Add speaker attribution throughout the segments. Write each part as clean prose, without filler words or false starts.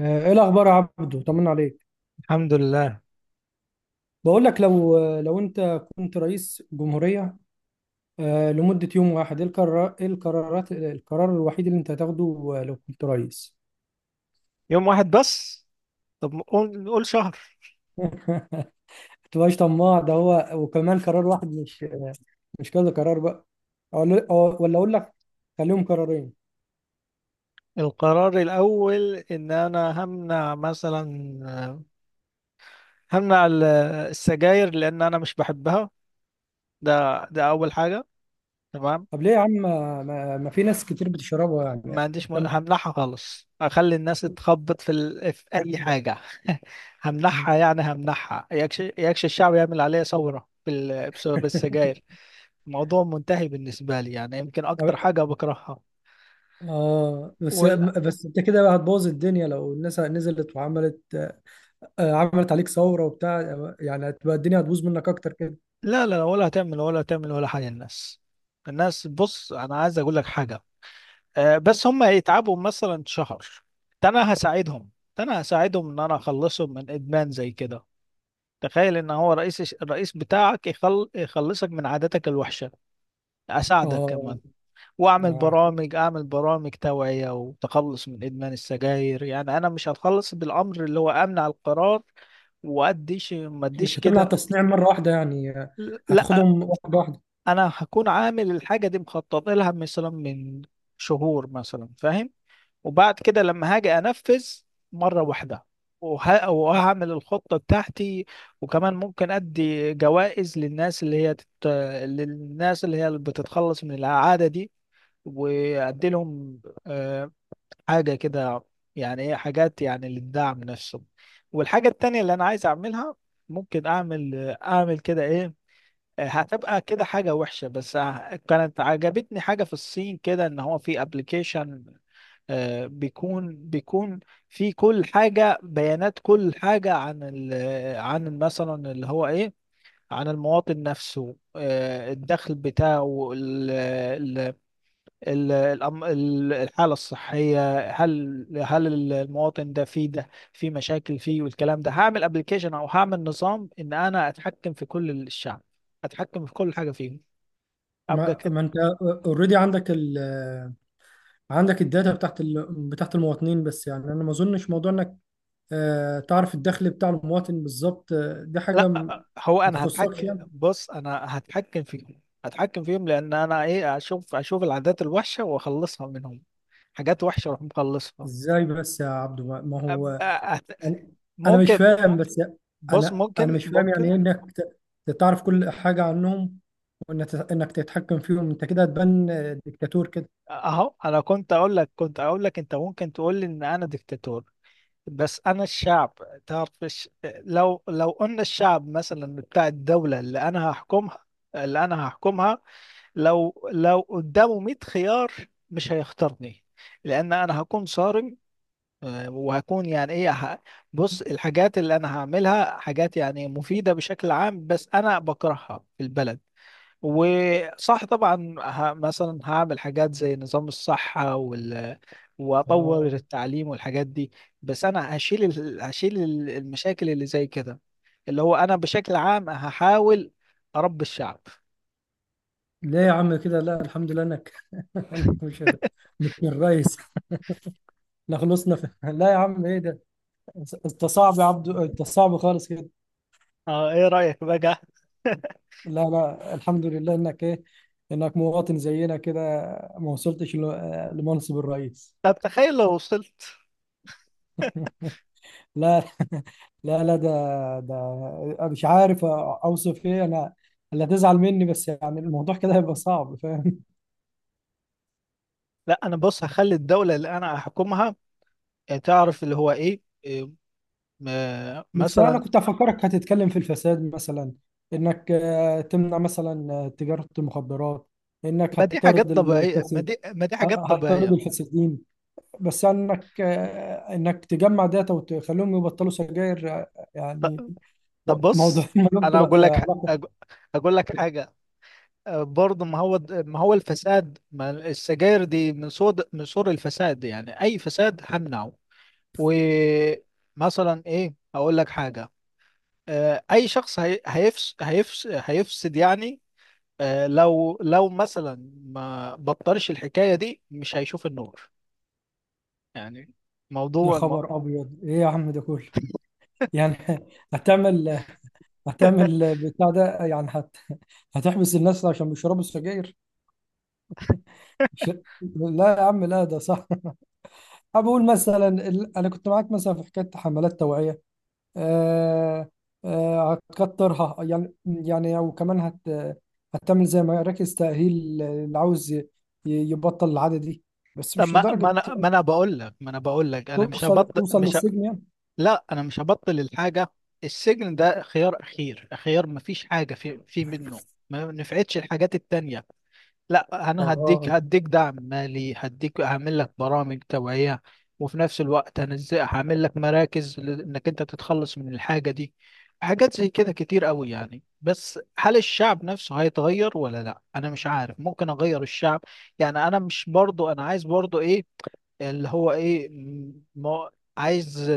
Speaker 1: ايه الاخبار يا عبدو؟ طمنا عليك.
Speaker 2: الحمد لله.
Speaker 1: بقول لك لو لو انت كنت رئيس جمهورية لمدة يوم واحد، ايه القرار ايه القرارات القرار الوحيد اللي انت هتاخده؟ لو كنت رئيس.
Speaker 2: يوم واحد بس؟ طب نقول شهر.
Speaker 1: ما تبقاش طماع، ده هو وكمان قرار واحد، مش كذا قرار بقى. ولا اقول لك، خليهم قرارين.
Speaker 2: القرار الأول إن أنا همنع مثلا همنع ال- السجاير، لأن أنا مش بحبها. ده أول حاجة. تمام.
Speaker 1: طب ليه يا عم؟ ما في ناس كتير بتشربها
Speaker 2: ما
Speaker 1: يعني.
Speaker 2: عنديش
Speaker 1: طب.
Speaker 2: همنعها خالص، أخلي الناس تخبط في أي حاجة. همنعها، يعني همنعها، يكش الشعب، يعمل عليا ثورة بسبب السجاير. الموضوع منتهي بالنسبة لي، يعني يمكن أكتر حاجة بكرهها.
Speaker 1: اه بس.
Speaker 2: وال...
Speaker 1: بس انت كده بقى هتبوظ الدنيا لو الناس نزلت وعملت عملت عليك ثورة وبتاع، يعني هتبقى الدنيا، هتبوظ منك اكتر كده.
Speaker 2: لا لا لا، ولا هتعمل ولا حاجة الناس، بص، أنا عايز أقول لك حاجة. بس هم يتعبوا مثلا شهر، ده أنا هساعدهم ده أنا هساعدهم إن أنا أخلصهم من إدمان زي كده. تخيل إن هو الرئيس بتاعك يخلصك من عاداتك الوحشة، أساعدك
Speaker 1: اه.
Speaker 2: كمان. وأعمل
Speaker 1: ده
Speaker 2: برامج أعمل برامج توعية وتخلص من إدمان السجاير. يعني أنا مش هتخلص بالأمر اللي هو أمنع القرار ما أديش
Speaker 1: مش هتمنع
Speaker 2: كده.
Speaker 1: التصنيع مرة واحدة يعني،
Speaker 2: لا،
Speaker 1: هتاخدهم واحدة واحدة؟
Speaker 2: انا هكون عامل الحاجه دي مخطط لها مثلا من شهور مثلا، فاهم؟ وبعد كده لما هاجي انفذ مره واحده، وهعمل الخطه بتاعتي. وكمان ممكن ادي جوائز للناس اللي هي اللي بتتخلص من العاده دي، وادي لهم آه، حاجه كده، يعني ايه، حاجات يعني للدعم نفسه. والحاجه التانيه اللي انا عايز اعملها، ممكن اعمل كده ايه، هتبقى كده حاجة وحشة. بس كانت عجبتني حاجة في الصين كده، ان هو في ابلكيشن بيكون في كل حاجة بيانات، كل حاجة عن مثلا اللي هو ايه، عن المواطن نفسه، الدخل بتاعه، ال- الحالة الصحية، هل المواطن ده فيه ده في مشاكل فيه والكلام ده. هعمل ابلكيشن او هعمل نظام ان انا اتحكم في كل الشعب، اتحكم في كل حاجة فيهم، ابقى
Speaker 1: ما,
Speaker 2: كده.
Speaker 1: ما انت اوريدي عندك ال آه، عندك الداتا بتاعت بتاعت المواطنين، بس يعني انا ما اظنش موضوع انك تعرف الدخل بتاع المواطن بالظبط. دي حاجة
Speaker 2: لا، هو
Speaker 1: ما
Speaker 2: انا
Speaker 1: تخصكش
Speaker 2: هتحكم،
Speaker 1: يعني.
Speaker 2: بص انا هتحكم فيهم، لان انا اشوف العادات الوحشه واخلصها منهم. حاجات وحشه اروح مخلصها.
Speaker 1: ازاي بس يا عبدو؟ ما هو
Speaker 2: أبقى أت-
Speaker 1: انا أنا مش
Speaker 2: ممكن،
Speaker 1: فاهم، بس
Speaker 2: بص،
Speaker 1: انا
Speaker 2: ممكن
Speaker 1: مش فاهم يعني
Speaker 2: ممكن
Speaker 1: ايه انك تعرف كل حاجه عنهم، وانك تتحكم فيهم، انت كده هتبان ديكتاتور كده.
Speaker 2: اهو انا كنت اقول لك انت ممكن تقول لي ان انا ديكتاتور، بس انا الشعب، لو قلنا الشعب مثلا بتاع الدوله، اللي انا هحكمها، لو قدامه 100 خيار، مش هيختارني لان انا هكون صارم. وهكون يعني ايه بص، الحاجات اللي انا هعملها حاجات يعني مفيدة بشكل عام، بس انا بكرهها في البلد. وصح طبعا مثلا هعمل حاجات زي نظام الصحة واطور
Speaker 1: آه.
Speaker 2: التعليم والحاجات دي. بس انا هشيل المشاكل اللي زي كده، اللي هو انا بشكل عام هحاول اربي الشعب.
Speaker 1: ليه يا عم كده؟ لا، الحمد لله انك إنك مش الرئيس. لا، خلصنا لا يا عم، ايه ده؟ انت صعب يا عبدو، انت صعب خالص كده.
Speaker 2: اه، ايه رأيك بقى؟
Speaker 1: لا لا، الحمد لله انك ايه، انك مواطن زينا كده، ما وصلتش لمنصب الرئيس.
Speaker 2: طب تخيل لو وصلت.
Speaker 1: لا. لا لا، ده ده مش عارف اوصف ايه انا اللي هتزعل مني، بس يعني الموضوع كده هيبقى صعب، فاهم؟
Speaker 2: لا، انا بص هخلي الدولة اللي انا هحكمها، تعرف اللي هو ايه إيه، م- آه،
Speaker 1: بس انا
Speaker 2: مثلا
Speaker 1: كنت افكرك هتتكلم في الفساد مثلا، انك تمنع مثلا تجارة المخدرات، انك
Speaker 2: ما دي
Speaker 1: هتطرد
Speaker 2: حاجات طبيعية، ما
Speaker 1: الفاسد،
Speaker 2: دي ما دي حاجات
Speaker 1: هتطرد
Speaker 2: طبيعية.
Speaker 1: الفاسدين. بس انك تجمع داتا وتخليهم يبطلوا سجاير
Speaker 2: ط-
Speaker 1: يعني.
Speaker 2: طب
Speaker 1: موضوع
Speaker 2: بص،
Speaker 1: ملوش
Speaker 2: انا
Speaker 1: علاقة.
Speaker 2: أج- اقول لك حاجة. برضه ما هو الفساد، ما السجاير دي من صور الفساد، يعني اي فساد همنعه. ومثلا اقول لك حاجة، اي شخص هيفسد، يعني لو مثلا ما بطلش الحكاية دي، مش هيشوف النور، يعني
Speaker 1: يا
Speaker 2: موضوع الم...
Speaker 1: خبر ابيض، ايه يا عم ده كله؟ يعني هتعمل هتعمل بتاع ده، يعني هتحبس الناس عشان بيشربوا السجاير؟ مش... لا يا عم، لا ده صح. أنا بقول مثلا انا كنت معاك مثلا في حكايه حملات توعيه، آه... هتكترها يعني، او كمان هتعمل زي مراكز تاهيل اللي عاوز يبطل العاده دي، بس
Speaker 2: طب
Speaker 1: مش
Speaker 2: ما ما
Speaker 1: لدرجه
Speaker 2: انا
Speaker 1: يعني
Speaker 2: ما انا بقول لك ما انا بقول لك، انا مش
Speaker 1: توصل
Speaker 2: هبطل،
Speaker 1: توصل
Speaker 2: مش ه...
Speaker 1: للسجن يعني.
Speaker 2: لا، انا مش هبطل الحاجة. السجن ده خيار اخير، خيار ما فيش حاجة في منه، ما نفعتش الحاجات التانية. لا، انا هديك
Speaker 1: اه.
Speaker 2: هديك دعم مالي، هديك هعمل لك برامج توعية، وفي نفس الوقت انا ازاي هعمل لك مراكز انك انت تتخلص من الحاجة دي. حاجات زي كده كتير قوي يعني. بس هل الشعب نفسه هيتغير ولا لا؟ انا مش عارف، ممكن اغير الشعب، يعني انا مش برضو، انا عايز برضو ايه اللي هو ما عايز.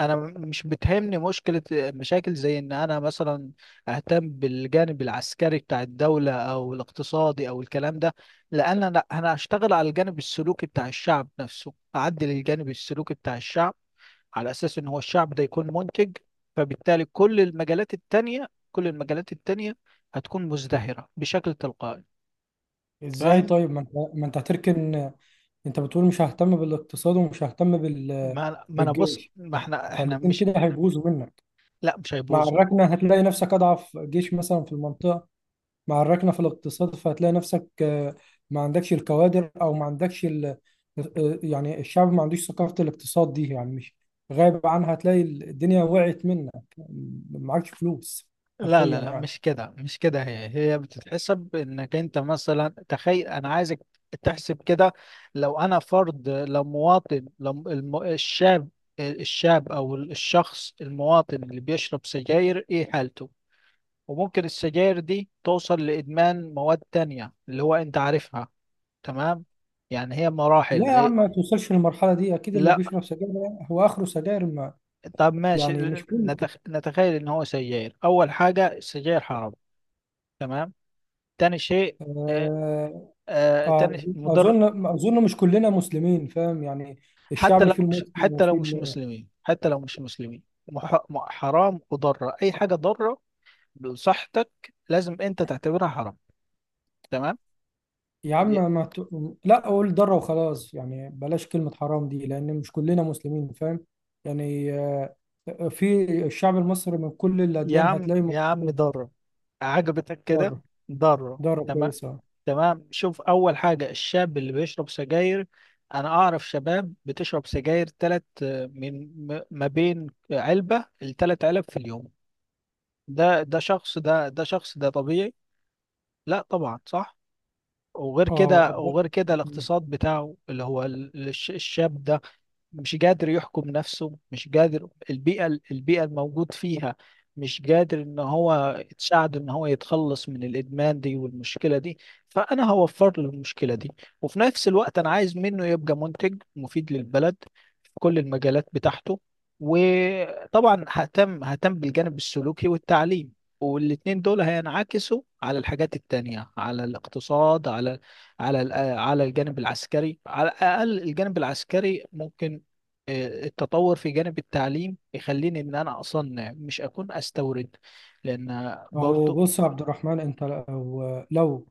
Speaker 2: انا مش بتهمني مشاكل زي ان انا مثلا اهتم بالجانب العسكري بتاع الدوله او الاقتصادي او الكلام ده، لان انا هشتغل على الجانب السلوكي بتاع الشعب نفسه، اعدل الجانب السلوكي بتاع الشعب، على اساس ان هو الشعب ده يكون منتج. فبالتالي كل المجالات التانية هتكون مزدهره بشكل تلقائي،
Speaker 1: ازاي
Speaker 2: فاهم؟
Speaker 1: طيب؟ ما انت هتركن، انت بتقول مش ههتم بالاقتصاد ومش ههتم
Speaker 2: ما انا بص،
Speaker 1: بالجيش.
Speaker 2: ما
Speaker 1: لا،
Speaker 2: احنا احنا
Speaker 1: فالاتنين
Speaker 2: مش،
Speaker 1: كده هيبوظوا منك،
Speaker 2: لا مش
Speaker 1: مع
Speaker 2: هيبوظ.
Speaker 1: الركنه هتلاقي نفسك اضعف جيش مثلا في المنطقه، مع الركنه في الاقتصاد فهتلاقي نفسك ما عندكش الكوادر او ما عندكش ال... آه، آه، يعني الشعب ما عندوش ثقافه الاقتصاد دي، يعني مش غايب عنها، هتلاقي الدنيا وقعت منك، ما معكش فلوس،
Speaker 2: لا لا
Speaker 1: حرفيا
Speaker 2: لا،
Speaker 1: يعني.
Speaker 2: مش كده مش كده، هي بتتحسب انك انت مثلا، تخيل انا عايزك تحسب كده، لو انا فرد، لو مواطن، الشاب، او الشخص المواطن اللي بيشرب سجاير، ايه حالته؟ وممكن السجاير دي توصل لادمان مواد تانية اللي هو انت عارفها. تمام؟ يعني هي
Speaker 1: لا
Speaker 2: مراحل
Speaker 1: يا عم،
Speaker 2: إيه؟
Speaker 1: ما توصلش للمرحله دي، اكيد اللي
Speaker 2: لا.
Speaker 1: بيشرب سجاير هو اخره سجاير، ما
Speaker 2: طب ماشي،
Speaker 1: يعني مش كله.
Speaker 2: نتخيل ان هو سجاير. اول حاجة السجاير حرام، تمام. تاني شيء، آه،
Speaker 1: آه،
Speaker 2: تاني مضر.
Speaker 1: اظن مش كلنا مسلمين، فاهم يعني، الشعب فيه المسلم وفيه
Speaker 2: حتى لو مش مسلمين، حرام، وضرة، أي حاجة ضارة بصحتك لازم أنت تعتبرها حرام. تمام.
Speaker 1: يا
Speaker 2: دي-
Speaker 1: عم، ما ت... لا اقول ضره وخلاص يعني، بلاش كلمه حرام دي لان مش كلنا مسلمين، فاهم يعني في الشعب المصري من كل
Speaker 2: يا
Speaker 1: الاديان
Speaker 2: عم،
Speaker 1: هتلاقي.
Speaker 2: يا عم، ضارة، عجبتك كده؟
Speaker 1: ضاره.
Speaker 2: ضارة،
Speaker 1: ضاره
Speaker 2: تمام.
Speaker 1: كويسه.
Speaker 2: تمام، شوف، أول حاجة الشاب اللي بيشرب سجاير، أنا أعرف شباب بتشرب سجاير تلات، ما بين علبة ل3 علب في اليوم. ده شخص ده طبيعي؟ لا طبعا، صح. وغير
Speaker 1: اه،
Speaker 2: كده وغير كده الاقتصاد بتاعه اللي هو الشاب ده، مش قادر يحكم نفسه، مش قادر، البيئة الموجود فيها مش قادر ان هو تساعده ان هو يتخلص من الادمان دي والمشكلة دي. فانا هوفر له المشكلة دي، وفي نفس الوقت انا عايز منه يبقى منتج مفيد للبلد في كل المجالات بتاعته. وطبعا ههتم بالجانب السلوكي والتعليم، والاتنين دول هينعكسوا على الحاجات التانية، على الاقتصاد، على على الجانب العسكري. على الأقل الجانب العسكري ممكن التطور في جانب التعليم يخليني ان انا اصنع، مش اكون استورد، لان
Speaker 1: ما هو
Speaker 2: برضو
Speaker 1: بص يا عبد الرحمن، انت لو، لو،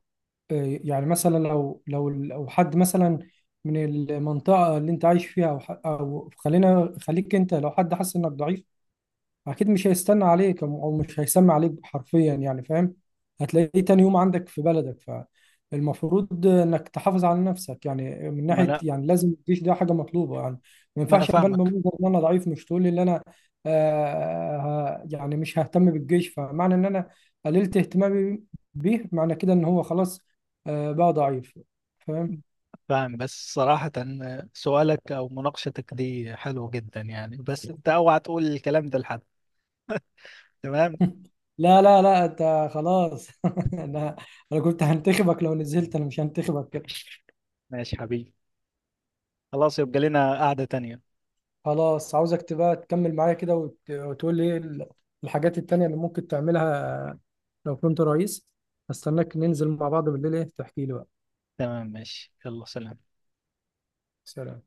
Speaker 1: يعني مثلا لو حد مثلا من المنطقه اللي انت عايش فيها او أو خليك انت، لو حد حس انك ضعيف، اكيد مش هيستنى عليك او مش هيسمع عليك، حرفيا يعني، فاهم؟ هتلاقيه تاني يوم عندك في بلدك. فالمفروض انك تحافظ على نفسك يعني من
Speaker 2: ما
Speaker 1: ناحيه،
Speaker 2: انا
Speaker 1: يعني لازم الجيش ده حاجه مطلوبه يعني، ما
Speaker 2: ما انا
Speaker 1: ينفعش ابان
Speaker 2: فاهمك.
Speaker 1: بمنظر ان انا ضعيف، مش تقول لي ان انا يعني مش ههتم بالجيش. فمعنى ان انا قللت اهتمامي بيه، معنى كده ان هو خلاص بقى ضعيف، فاهم؟
Speaker 2: فاهم، بس صراحة سؤالك او مناقشتك دي حلوة جدا يعني، بس انت اوعى تقول الكلام ده لحد، تمام؟
Speaker 1: لا لا لا، انت خلاص. انا انا كنت هنتخبك، لو نزلت انا مش هنتخبك.
Speaker 2: ماشي حبيبي، خلاص يبقى لنا قعدة تانية.
Speaker 1: خلاص، عاوزك تبقى تكمل معايا كده وتقول لي ايه الحاجات التانية اللي ممكن تعملها لو كنت رئيس. هستناك ننزل مع بعض بالليل، ايه تحكي لي بقى.
Speaker 2: تمام، ماشي، يلا، سلام.
Speaker 1: سلام.